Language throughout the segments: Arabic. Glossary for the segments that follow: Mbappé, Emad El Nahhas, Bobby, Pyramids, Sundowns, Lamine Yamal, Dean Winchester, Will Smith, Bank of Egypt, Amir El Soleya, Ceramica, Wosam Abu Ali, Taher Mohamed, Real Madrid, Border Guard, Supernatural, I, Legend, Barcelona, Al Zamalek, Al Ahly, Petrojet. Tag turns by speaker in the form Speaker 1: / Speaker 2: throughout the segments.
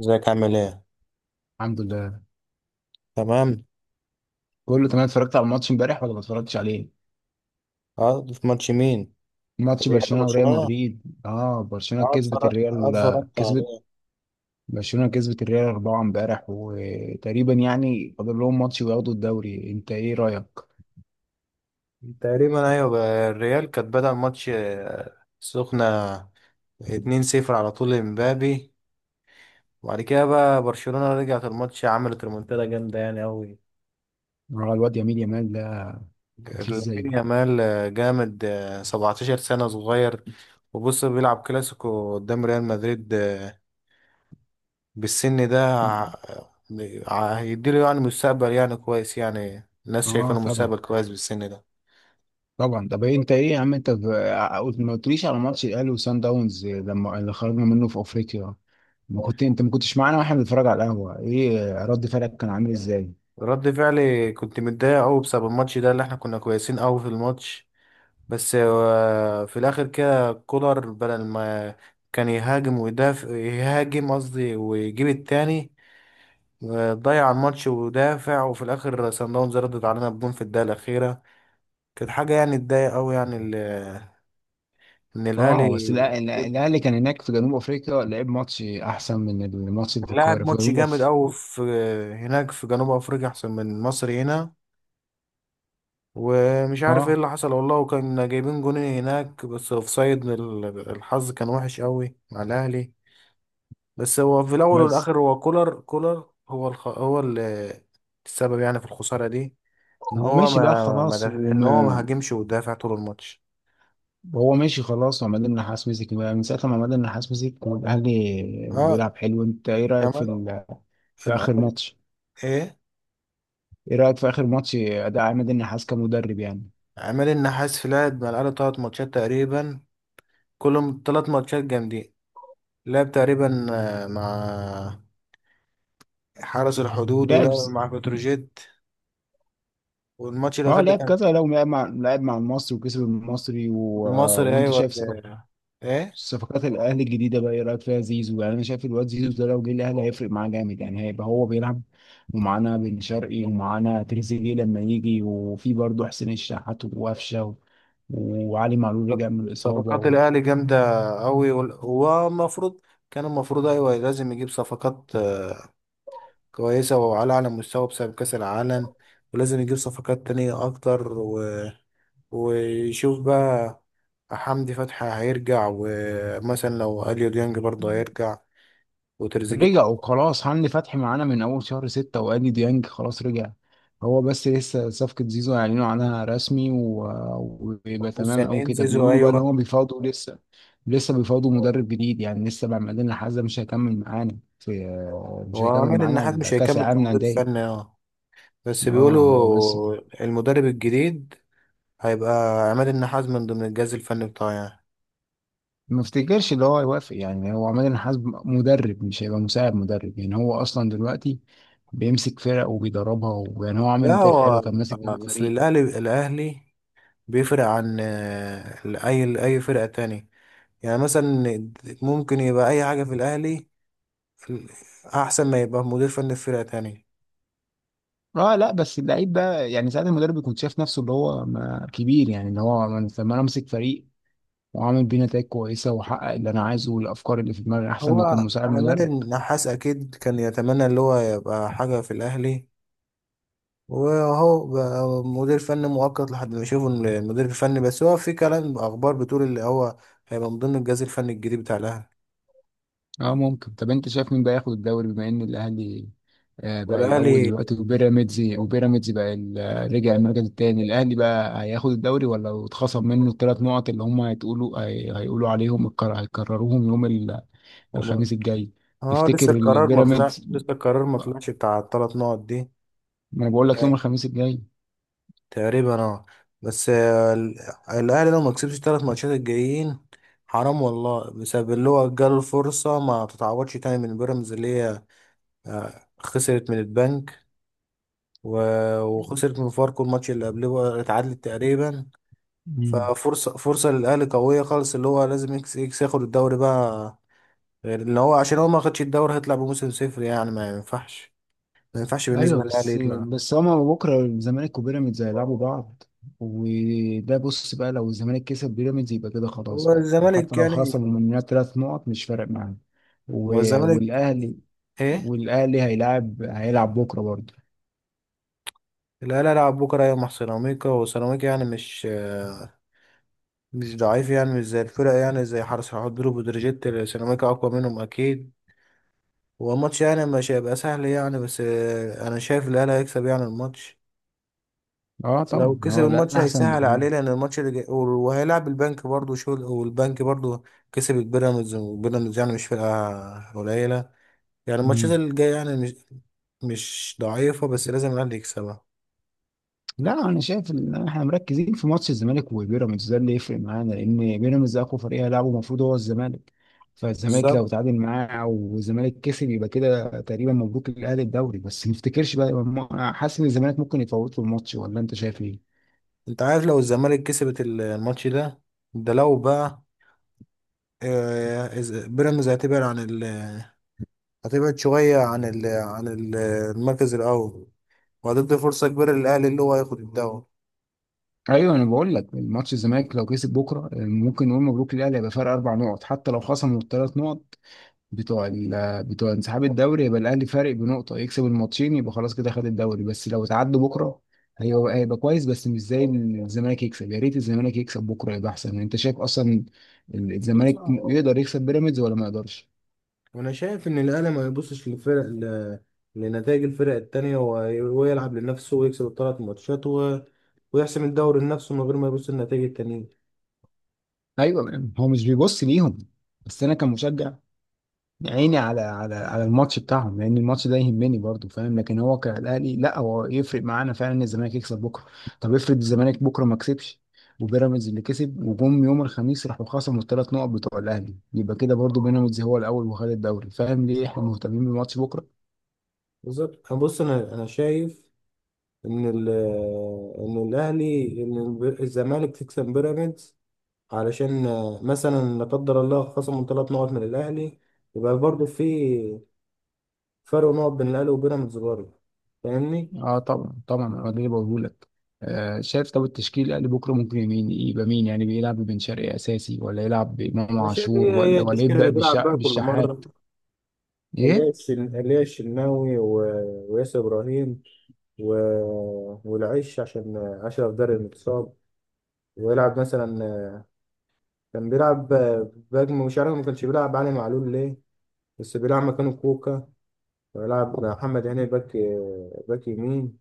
Speaker 1: ازيك عامل ايه؟
Speaker 2: الحمد لله،
Speaker 1: تمام.
Speaker 2: كله تمام. اتفرجت على الماتش امبارح ولا ما اتفرجتش عليه؟
Speaker 1: اه، في ماتش مين؟
Speaker 2: ماتش
Speaker 1: الريال
Speaker 2: برشلونة وريال
Speaker 1: وبرشلونة؟
Speaker 2: مدريد. اه، برشلونة
Speaker 1: اه،
Speaker 2: كسبت
Speaker 1: اتفرج. اه،
Speaker 2: الريال.
Speaker 1: اتفرجت
Speaker 2: كسبت
Speaker 1: عليه.
Speaker 2: برشلونة كسبت الريال 4 امبارح، وتقريبا يعني فاضل لهم ماتش وياخدوا الدوري. انت ايه رأيك؟
Speaker 1: تقريبا، ايوه بقى. الريال كانت بدأ الماتش، سخنة، 2-0 على طول لمبابي. وبعد كده بقى برشلونة رجعت الماتش، عملت ريمونتادا جامدة يعني أوي.
Speaker 2: اه، الواد يمين يامال ده مفيش زيه.
Speaker 1: لامين يامال جامد، 17 سنة، صغير. وبص بيلعب كلاسيكو قدام ريال مدريد. بالسن ده هيديله يعني مستقبل يعني كويس، يعني الناس شايفه
Speaker 2: اه،
Speaker 1: انه
Speaker 2: طبعا
Speaker 1: مستقبل كويس بالسن ده.
Speaker 2: طبعا. طب إيه؟ انت ايه يا عم؟ انت ما قلتليش على ماتش الاهلي وسان داونز لما اللي خرجنا منه في افريقيا. ما كنت انت ما كنتش معانا واحنا بنتفرج على القهوة، ايه رد فعلك كان عامل ازاي؟
Speaker 1: رد فعلي كنت متضايق قوي بسبب الماتش ده، اللي احنا كنا كويسين قوي في الماتش. بس في الاخر كده كولر، بدل ما كان يهاجم ويدافع، يهاجم قصدي ويجيب التاني. ضيع الماتش ودافع، وفي الاخر سان داونز ردت علينا بجون في الدقيقه الاخيره. كانت حاجه يعني تضايق قوي، يعني ان
Speaker 2: اه، بس
Speaker 1: الاهلي
Speaker 2: الاهلي كان هناك في جنوب افريقيا، لعب ماتش احسن من الماتش اللي في
Speaker 1: لاعب
Speaker 2: القاهره، في
Speaker 1: ماتش
Speaker 2: جنوب
Speaker 1: جامد
Speaker 2: أف...
Speaker 1: قوي في هناك في جنوب افريقيا، احسن من مصر هنا. ومش عارف ايه
Speaker 2: اه،
Speaker 1: اللي حصل والله، وكان جايبين جونين هناك بس اوفسايد. الحظ كان وحش قوي مع الاهلي. بس هو في الاول
Speaker 2: بس
Speaker 1: والاخر هو كولر. كولر هو السبب يعني في الخسارة دي، ان
Speaker 2: هو
Speaker 1: هو
Speaker 2: ماشي بقى خلاص وم...
Speaker 1: ما هاجمش ودافع طول الماتش.
Speaker 2: وهو ماشي خلاص، وعماد النحاس مسك بقى. من ساعه ما عماد النحاس مسك والاهلي
Speaker 1: اه،
Speaker 2: بيلعب حلو. انت ايه رايك
Speaker 1: كمان.
Speaker 2: في اخر
Speaker 1: العماد-
Speaker 2: ماتش؟
Speaker 1: ايه.
Speaker 2: ايه رايك في اخر ماتش اداء عماد النحاس كمدرب يعني؟
Speaker 1: عماد النحاس في لعب مع الاهلي 3 ماتشات تقريبا، كلهم 3 ماتشات جامدين. لعب تقريبا مع حرس الحدود،
Speaker 2: لعب
Speaker 1: ولعب
Speaker 2: س-
Speaker 1: مع بتروجيت. والماتش
Speaker 2: اه،
Speaker 1: الأخير ده
Speaker 2: لعب
Speaker 1: كان
Speaker 2: كذا. لو لعب مع المصري وكسب المصري.
Speaker 1: المصري،
Speaker 2: وانت
Speaker 1: أيوة.
Speaker 2: شايف
Speaker 1: ولا إيه؟
Speaker 2: صفقات الاهلي الجديده بقى، ايه رايك فيها؟ زيزو يعني، انا شايف الواد زيزو ده لو جه الاهلي هيفرق معاه جامد يعني، هيبقى هو بيلعب. ومعانا بن شرقي، ومعانا تريزيجيه لما يجي، وفي برضه حسين الشحات وقفشه، و- وعلي معلول
Speaker 1: طب،
Speaker 2: رجع من
Speaker 1: صفقات
Speaker 2: الاصابه.
Speaker 1: الأهلي جامدة أوي. هو المفروض، كان المفروض، أيوة لازم يجيب صفقات كويسة وعلى أعلى مستوى بسبب كأس العالم. ولازم يجيب صفقات تانية أكتر، و... ويشوف بقى. حمدي فتحي هيرجع، ومثلا لو أليو ديانج برضه هيرجع،
Speaker 2: رجع
Speaker 1: وتريزيجيه.
Speaker 2: وخلاص. هاني فتحي معانا من اول شهر 6، وادي ديانج خلاص رجع. هو بس لسه صفقة زيزو هيعلنوا عنها رسمي و- ويبقى تمام او
Speaker 1: مستنيين
Speaker 2: كده.
Speaker 1: زيزو،
Speaker 2: بيقولوا بقى ان
Speaker 1: أيوة.
Speaker 2: هو بيفاوضوا لسه. لسه بيفاوضوا مدرب جديد يعني لسه بقى بعدين، لحد مش هيكمل معانا في مش
Speaker 1: هو
Speaker 2: هيكمل
Speaker 1: عماد النحات
Speaker 2: معانا
Speaker 1: مش
Speaker 2: كاس
Speaker 1: هيكمل
Speaker 2: العالم
Speaker 1: كمدير فني.
Speaker 2: للانديه.
Speaker 1: اه، بس
Speaker 2: اه، هو بس
Speaker 1: بيقولوا المدرب الجديد هيبقى عماد النحاس من ضمن الجهاز الفني بتاعه يعني.
Speaker 2: ما افتكرش ان هو يوافق يعني. هو عماد النحاس مدرب، مش هيبقى مساعد مدرب يعني. هو اصلا دلوقتي بيمسك فرق وبيدربها، ويعني هو عامل
Speaker 1: لا،
Speaker 2: نتائج حلو،
Speaker 1: هو
Speaker 2: كان ماسك كذا
Speaker 1: اصل
Speaker 2: فريق.
Speaker 1: الاهلي، بيفرق عن اي فرقة تاني. يعني مثلا ممكن يبقى اي حاجة في الاهلي، في- احسن ما يبقى مدير فني في فرقة تانية.
Speaker 2: اه، لا. بس اللعيب ده يعني، ساعات المدرب بيكون شايف نفسه اللي هو كبير يعني. اللي هو لما انا امسك فريق وعامل بيه نتائج كويسه واحقق اللي انا عايزه والافكار اللي في دماغي، احسن ما اكون
Speaker 1: هو
Speaker 2: مساعد
Speaker 1: عماد
Speaker 2: مدرب.
Speaker 1: النحاس اكيد كان يتمنى اللي هو يبقى حاجة في الاهلي، وهو بقى مدير فني مؤقت لحد ما يشوفوا المدير الفني. بس هو في كلام اخبار بتقول اللي هو هيبقى من ضمن الجهاز الفني الجديد بتاع الاهلي.
Speaker 2: اه، ممكن. طب انت شايف مين بقى ياخد الدوري بما ان الاهلي بقى الاول
Speaker 1: والاهلي
Speaker 2: دلوقتي؟ وبيراميدز بقى رجع المركز الثاني. الاهلي بقى هياخد الدوري ولا اتخصم منه الثلاث نقط اللي هم هيتقولوا هيقولوا عليهم هيكرروهم يوم
Speaker 1: وما-
Speaker 2: الخميس الجاي؟
Speaker 1: اه،
Speaker 2: تفتكر البيراميدز؟
Speaker 1: لسه القرار ما طلعش بتاع ال3 نقط دي.
Speaker 2: ما انا بقول لك يوم الخميس الجاي.
Speaker 1: تقريبا، اه. بس الاهلي لو ما كسبش ال3 ماتشات الجايين، حرام والله، بسبب اللي هو جاله الفرصه ما تتعوضش تاني، من بيراميدز اللي هي خسرت من البنك، وخسرت من فاركو. الماتش اللي قبله اتعادلت تقريبا.
Speaker 2: مم.
Speaker 1: فرصة للأهلي قوية خالص، اللي هو لازم إكس ياخد الدوري بقى. غير اللي هو، عشان هو ما خدش الدوري هيطلع بموسم صفر يعني، ما ينفعش، ما ينفعش
Speaker 2: ايوه.
Speaker 1: بالنسبة للأهلي
Speaker 2: بس
Speaker 1: يطلع.
Speaker 2: هما بكره الزمالك وبيراميدز هيلعبوا بعض. وده بص بقى، لو الزمالك كسب بيراميدز يبقى كده خلاص
Speaker 1: هو
Speaker 2: بقى، حتى
Speaker 1: الزمالك
Speaker 2: لو
Speaker 1: يعني.
Speaker 2: خسر من ثلاث نقط مش فارق معاه.
Speaker 1: هو
Speaker 2: و-
Speaker 1: الزمالك
Speaker 2: والاهلي
Speaker 1: إيه؟
Speaker 2: والاهلي هيلعب بكره برضه.
Speaker 1: الأهلي هيلعب بكرة، أيوة، مع سيراميكا. وسيراميكا يعني مش ضعيف، يعني مش زي الفرق، يعني زي حرس حدود وبتروجيت. سيراميكا أقوى منهم أكيد. هو الماتش يعني مش هيبقى سهل يعني، بس أنا شايف الأهلي هيكسب يعني الماتش.
Speaker 2: اه،
Speaker 1: لو
Speaker 2: طبعا.
Speaker 1: كسب
Speaker 2: هو
Speaker 1: الماتش
Speaker 2: الاهلي احسن
Speaker 1: هيسهل
Speaker 2: بكتير.
Speaker 1: عليه، لان الماتش اللي جاي وهيلعب البنك برضه شغل. والبنك برضه كسب البيراميدز، وبيراميدز يعني مش فرقة قليلة. يعني الماتشات اللي جاية يعني مش ضعيفة، بس لازم الاهلي يكسبها.
Speaker 2: لا، انا شايف ان احنا مركزين في ماتش الزمالك وبيراميدز ده، اللي يفرق معانا لان بيراميدز اقوى فريق هيلعبه المفروض هو الزمالك. فالزمالك لو
Speaker 1: بالظبط.
Speaker 2: تعادل معاه والزمالك كسب يبقى كده تقريبا مبروك للاهلي الدوري. بس ما افتكرش بقى، حاسس ان الزمالك ممكن يتفوت في الماتش، ولا انت شايف ايه؟
Speaker 1: انت عارف لو الزمالك كسبت الماتش ده، ده لو بقى بيراميدز هتبعد شوية المركز الأول، وهتدي فرصة كبيرة للأهلي اللي هو هياخد الدوري.
Speaker 2: ايوه، انا بقول لك الماتش الزمالك لو كسب بكره ممكن نقول مبروك للاهلي، هيبقى فرق اربع نقط حتى لو خصموا الثلاث نقط بتوع بتوع انسحاب الدوري، يبقى الاهلي فارق بنقطه، يكسب الماتشين يبقى خلاص كده خد الدوري. بس لو اتعدوا بكره هيبقى كويس، بس مش زي إن الزمالك يكسب. يا ريت الزمالك يكسب بكره يبقى احسن يعني. انت شايف اصلا الزمالك يقدر يكسب بيراميدز ولا ما يقدرش؟
Speaker 1: وانا شايف ان الاهلي ما يبصش للفرق، لنتائج الفرق التانية، ويلعب لنفسه، ويكسب ال3 ماتشات، و... ويحسم الدوري لنفسه من غير ما يبص للنتائج التانية.
Speaker 2: ايوه، هو مش بيبص ليهم. بس انا كمشجع، عيني على الماتش بتاعهم، لان الماتش ده يهمني برضو، فاهم؟ لكن هو كالاهلي، لا هو يفرق معانا فعلا ان الزمالك يكسب بكره. طب افرض الزمالك بكره ما كسبش، وبيراميدز اللي كسب، وجم يوم الخميس راحوا خصموا الثلاث نقط بتوع الاهلي، يبقى كده برضو بيراميدز هو الاول وخد الدوري. فاهم ليه احنا مهتمين بالماتش بكره؟
Speaker 1: بالظبط. انا بص، انا شايف ان ال... ان الاهلي ان الب- الزمالك تكسب بيراميدز. علشان مثلا، لا قدر الله، خصموا 3 نقط من الاهلي، يبقى برضه في فرق نقط بين الاهلي وبيراميدز برضه. فاهمني؟
Speaker 2: اه، طبعا طبعا. انا ده اللي بقوله لك. شايف؟ طب التشكيل الاهلي بكره، ممكن يبقى مين يعني بيلعب؟ ببن شرقي اساسي، ولا يلعب بامام
Speaker 1: انا شايف
Speaker 2: عاشور،
Speaker 1: هي
Speaker 2: ولا
Speaker 1: التشكيلة
Speaker 2: يبدا
Speaker 1: اللي بيلعب بيها كل مرة،
Speaker 2: بالشحات؟
Speaker 1: اللي
Speaker 2: ايه،
Speaker 1: هي الشناوي، وياسر إبراهيم، و... والعش عشان أشرف داري المتصاب. ويلعب مثلا، كان بيلعب باك، مش عارف ما كانش بيلعب علي معلول ليه، بس بيلعب مكانه كوكا. ويلعب محمد هاني باك، باك يمين.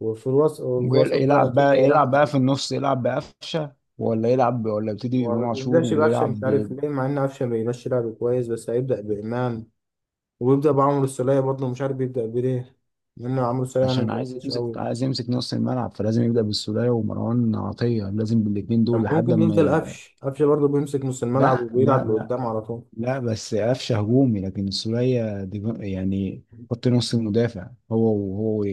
Speaker 1: وفي الوسط بقى
Speaker 2: ويلعب
Speaker 1: أكيد
Speaker 2: بقى يلعب
Speaker 1: هيلعب.
Speaker 2: بقى في النص. يلعب بقفشه، ولا يلعب، ولا يبتدي بامام
Speaker 1: وما
Speaker 2: عاشور
Speaker 1: بيبدأش بقفشة،
Speaker 2: ويلعب
Speaker 1: مش عارف
Speaker 2: ب...
Speaker 1: ليه، مع إن قفشة بيمشي لعب كويس، بس هيبدأ بإمام، ويبدأ بعمرو السولية. برضه مش عارف بيبدأ بليه، لأن عمرو السولية يعني ما
Speaker 2: عشان
Speaker 1: بيأديش أوي.
Speaker 2: عايز يمسك نص الملعب، فلازم يبدا بالسوليه ومروان عطيه، لازم بالاثنين
Speaker 1: طب
Speaker 2: دول لحد
Speaker 1: ممكن ينزل
Speaker 2: ما.
Speaker 1: قفش، برضه بيمسك نص الملعب
Speaker 2: لا، لا،
Speaker 1: وبيلعب
Speaker 2: لا،
Speaker 1: لقدام على طول.
Speaker 2: لا. بس قفشه هجومي، لكن سوريا يعني خط نص المدافع هو وهو و-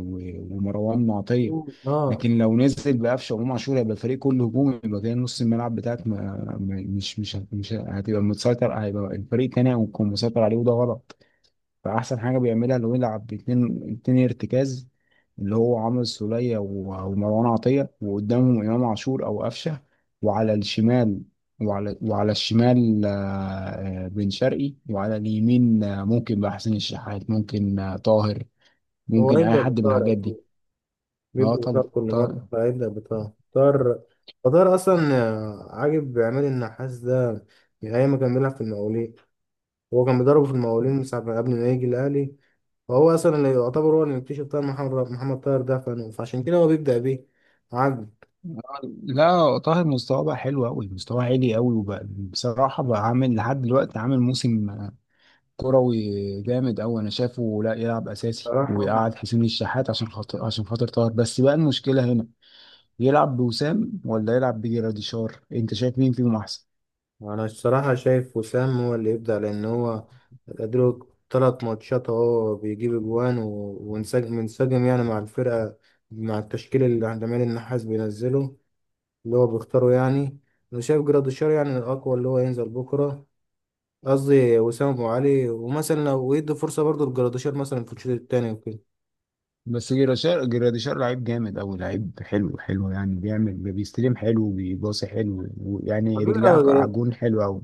Speaker 2: و- ومروان معطيه.
Speaker 1: اه،
Speaker 2: لكن لو نزل بقفشه وامام عاشور هيبقى الفريق كله هجومي، يبقى كده نص الملعب بتاعك مش هتبقى متسيطر، هيبقى الفريق التاني هيكون مسيطر عليه، وده غلط. فأحسن حاجة بيعملها لو يلعب باتنين، اتنين ارتكاز، اللي هو عمرو السولية و- ومروان عطية، وقدامهم إمام عاشور أو قفشة. وعلى الشمال، وعلى الشمال، بن شرقي. وعلى اليمين ممكن بقى حسين الشحات، ممكن طاهر،
Speaker 1: هو
Speaker 2: ممكن أي
Speaker 1: هيبدأ
Speaker 2: حد من
Speaker 1: بطار
Speaker 2: الحاجات دي.
Speaker 1: أكيد،
Speaker 2: اه،
Speaker 1: بيبدأ بطار
Speaker 2: طبعا،
Speaker 1: كل مرة،
Speaker 2: طاهر.
Speaker 1: فهيبدأ بطار. طار أصلا عاجب عماد النحاس ده من أيام ما كان بيلعب في المقاولين. هو كان بيضربه في المقاولين من ساعة قبل ما يجي الأهلي. فهو أصلا اللي يعتبر هو اللي مكتشف طاهر محمد، طاهر ده. فعشان كده هو بيبدأ بيه. عاجب.
Speaker 2: لا، طاهر مستواه بقى حلو أوي، مستواه عالي أوي. وبقى بصراحة بقى عامل لحد دلوقتي عامل موسم كروي جامد أوي. أنا شايفه لا، يلعب أساسي
Speaker 1: صراحة،
Speaker 2: ويقعد حسين الشحات عشان خاطر، طاهر. بس بقى المشكلة هنا، يلعب بوسام ولا يلعب بجراديشار؟ أنت شايف مين فيهم أحسن؟
Speaker 1: انا الصراحه شايف وسام هو اللي يبدا، لان هو ادرك 3 ماتشات اهو، بيجيب اجوان، وانسجم، يعني مع الفرقه، مع التشكيل اللي عند عماد النحاس بينزله، اللي هو بيختاره يعني. انا شايف جراديشار يعني الاقوى اللي هو ينزل بكره، قصدي وسام ابو علي. ومثلا لو يدي فرصه برضه لجراديشار مثلا في الشوط الثاني وكده.
Speaker 2: بس جراديشار لعيب جامد أوي، لعيب حلو حلو يعني، بيعمل، بيستلم حلو وبيباصي حلو، ويعني
Speaker 1: على
Speaker 2: رجليه
Speaker 1: فكره،
Speaker 2: عجون حلو أوي.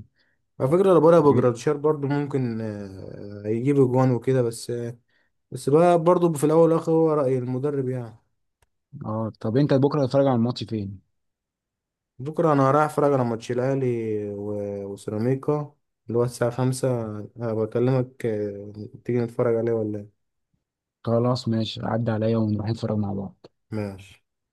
Speaker 1: لو بقى
Speaker 2: إيه؟
Speaker 1: جراديشار برضه ممكن يجيب اجوان وكده. بس بقى، برضه في الاول والاخر، هو راي المدرب يعني.
Speaker 2: اه، طب أنت بكرة هتتفرج على الماتش فين؟
Speaker 1: بكرة أنا رايح أتفرج على ماتش الأهلي وسيراميكا، اللي هو الساعة 5. بكلمك، تيجي نتفرج عليه ولا إيه؟
Speaker 2: خلاص ماشي، عدى عليا ونروح نتفرج مع بعض.
Speaker 1: ماشي.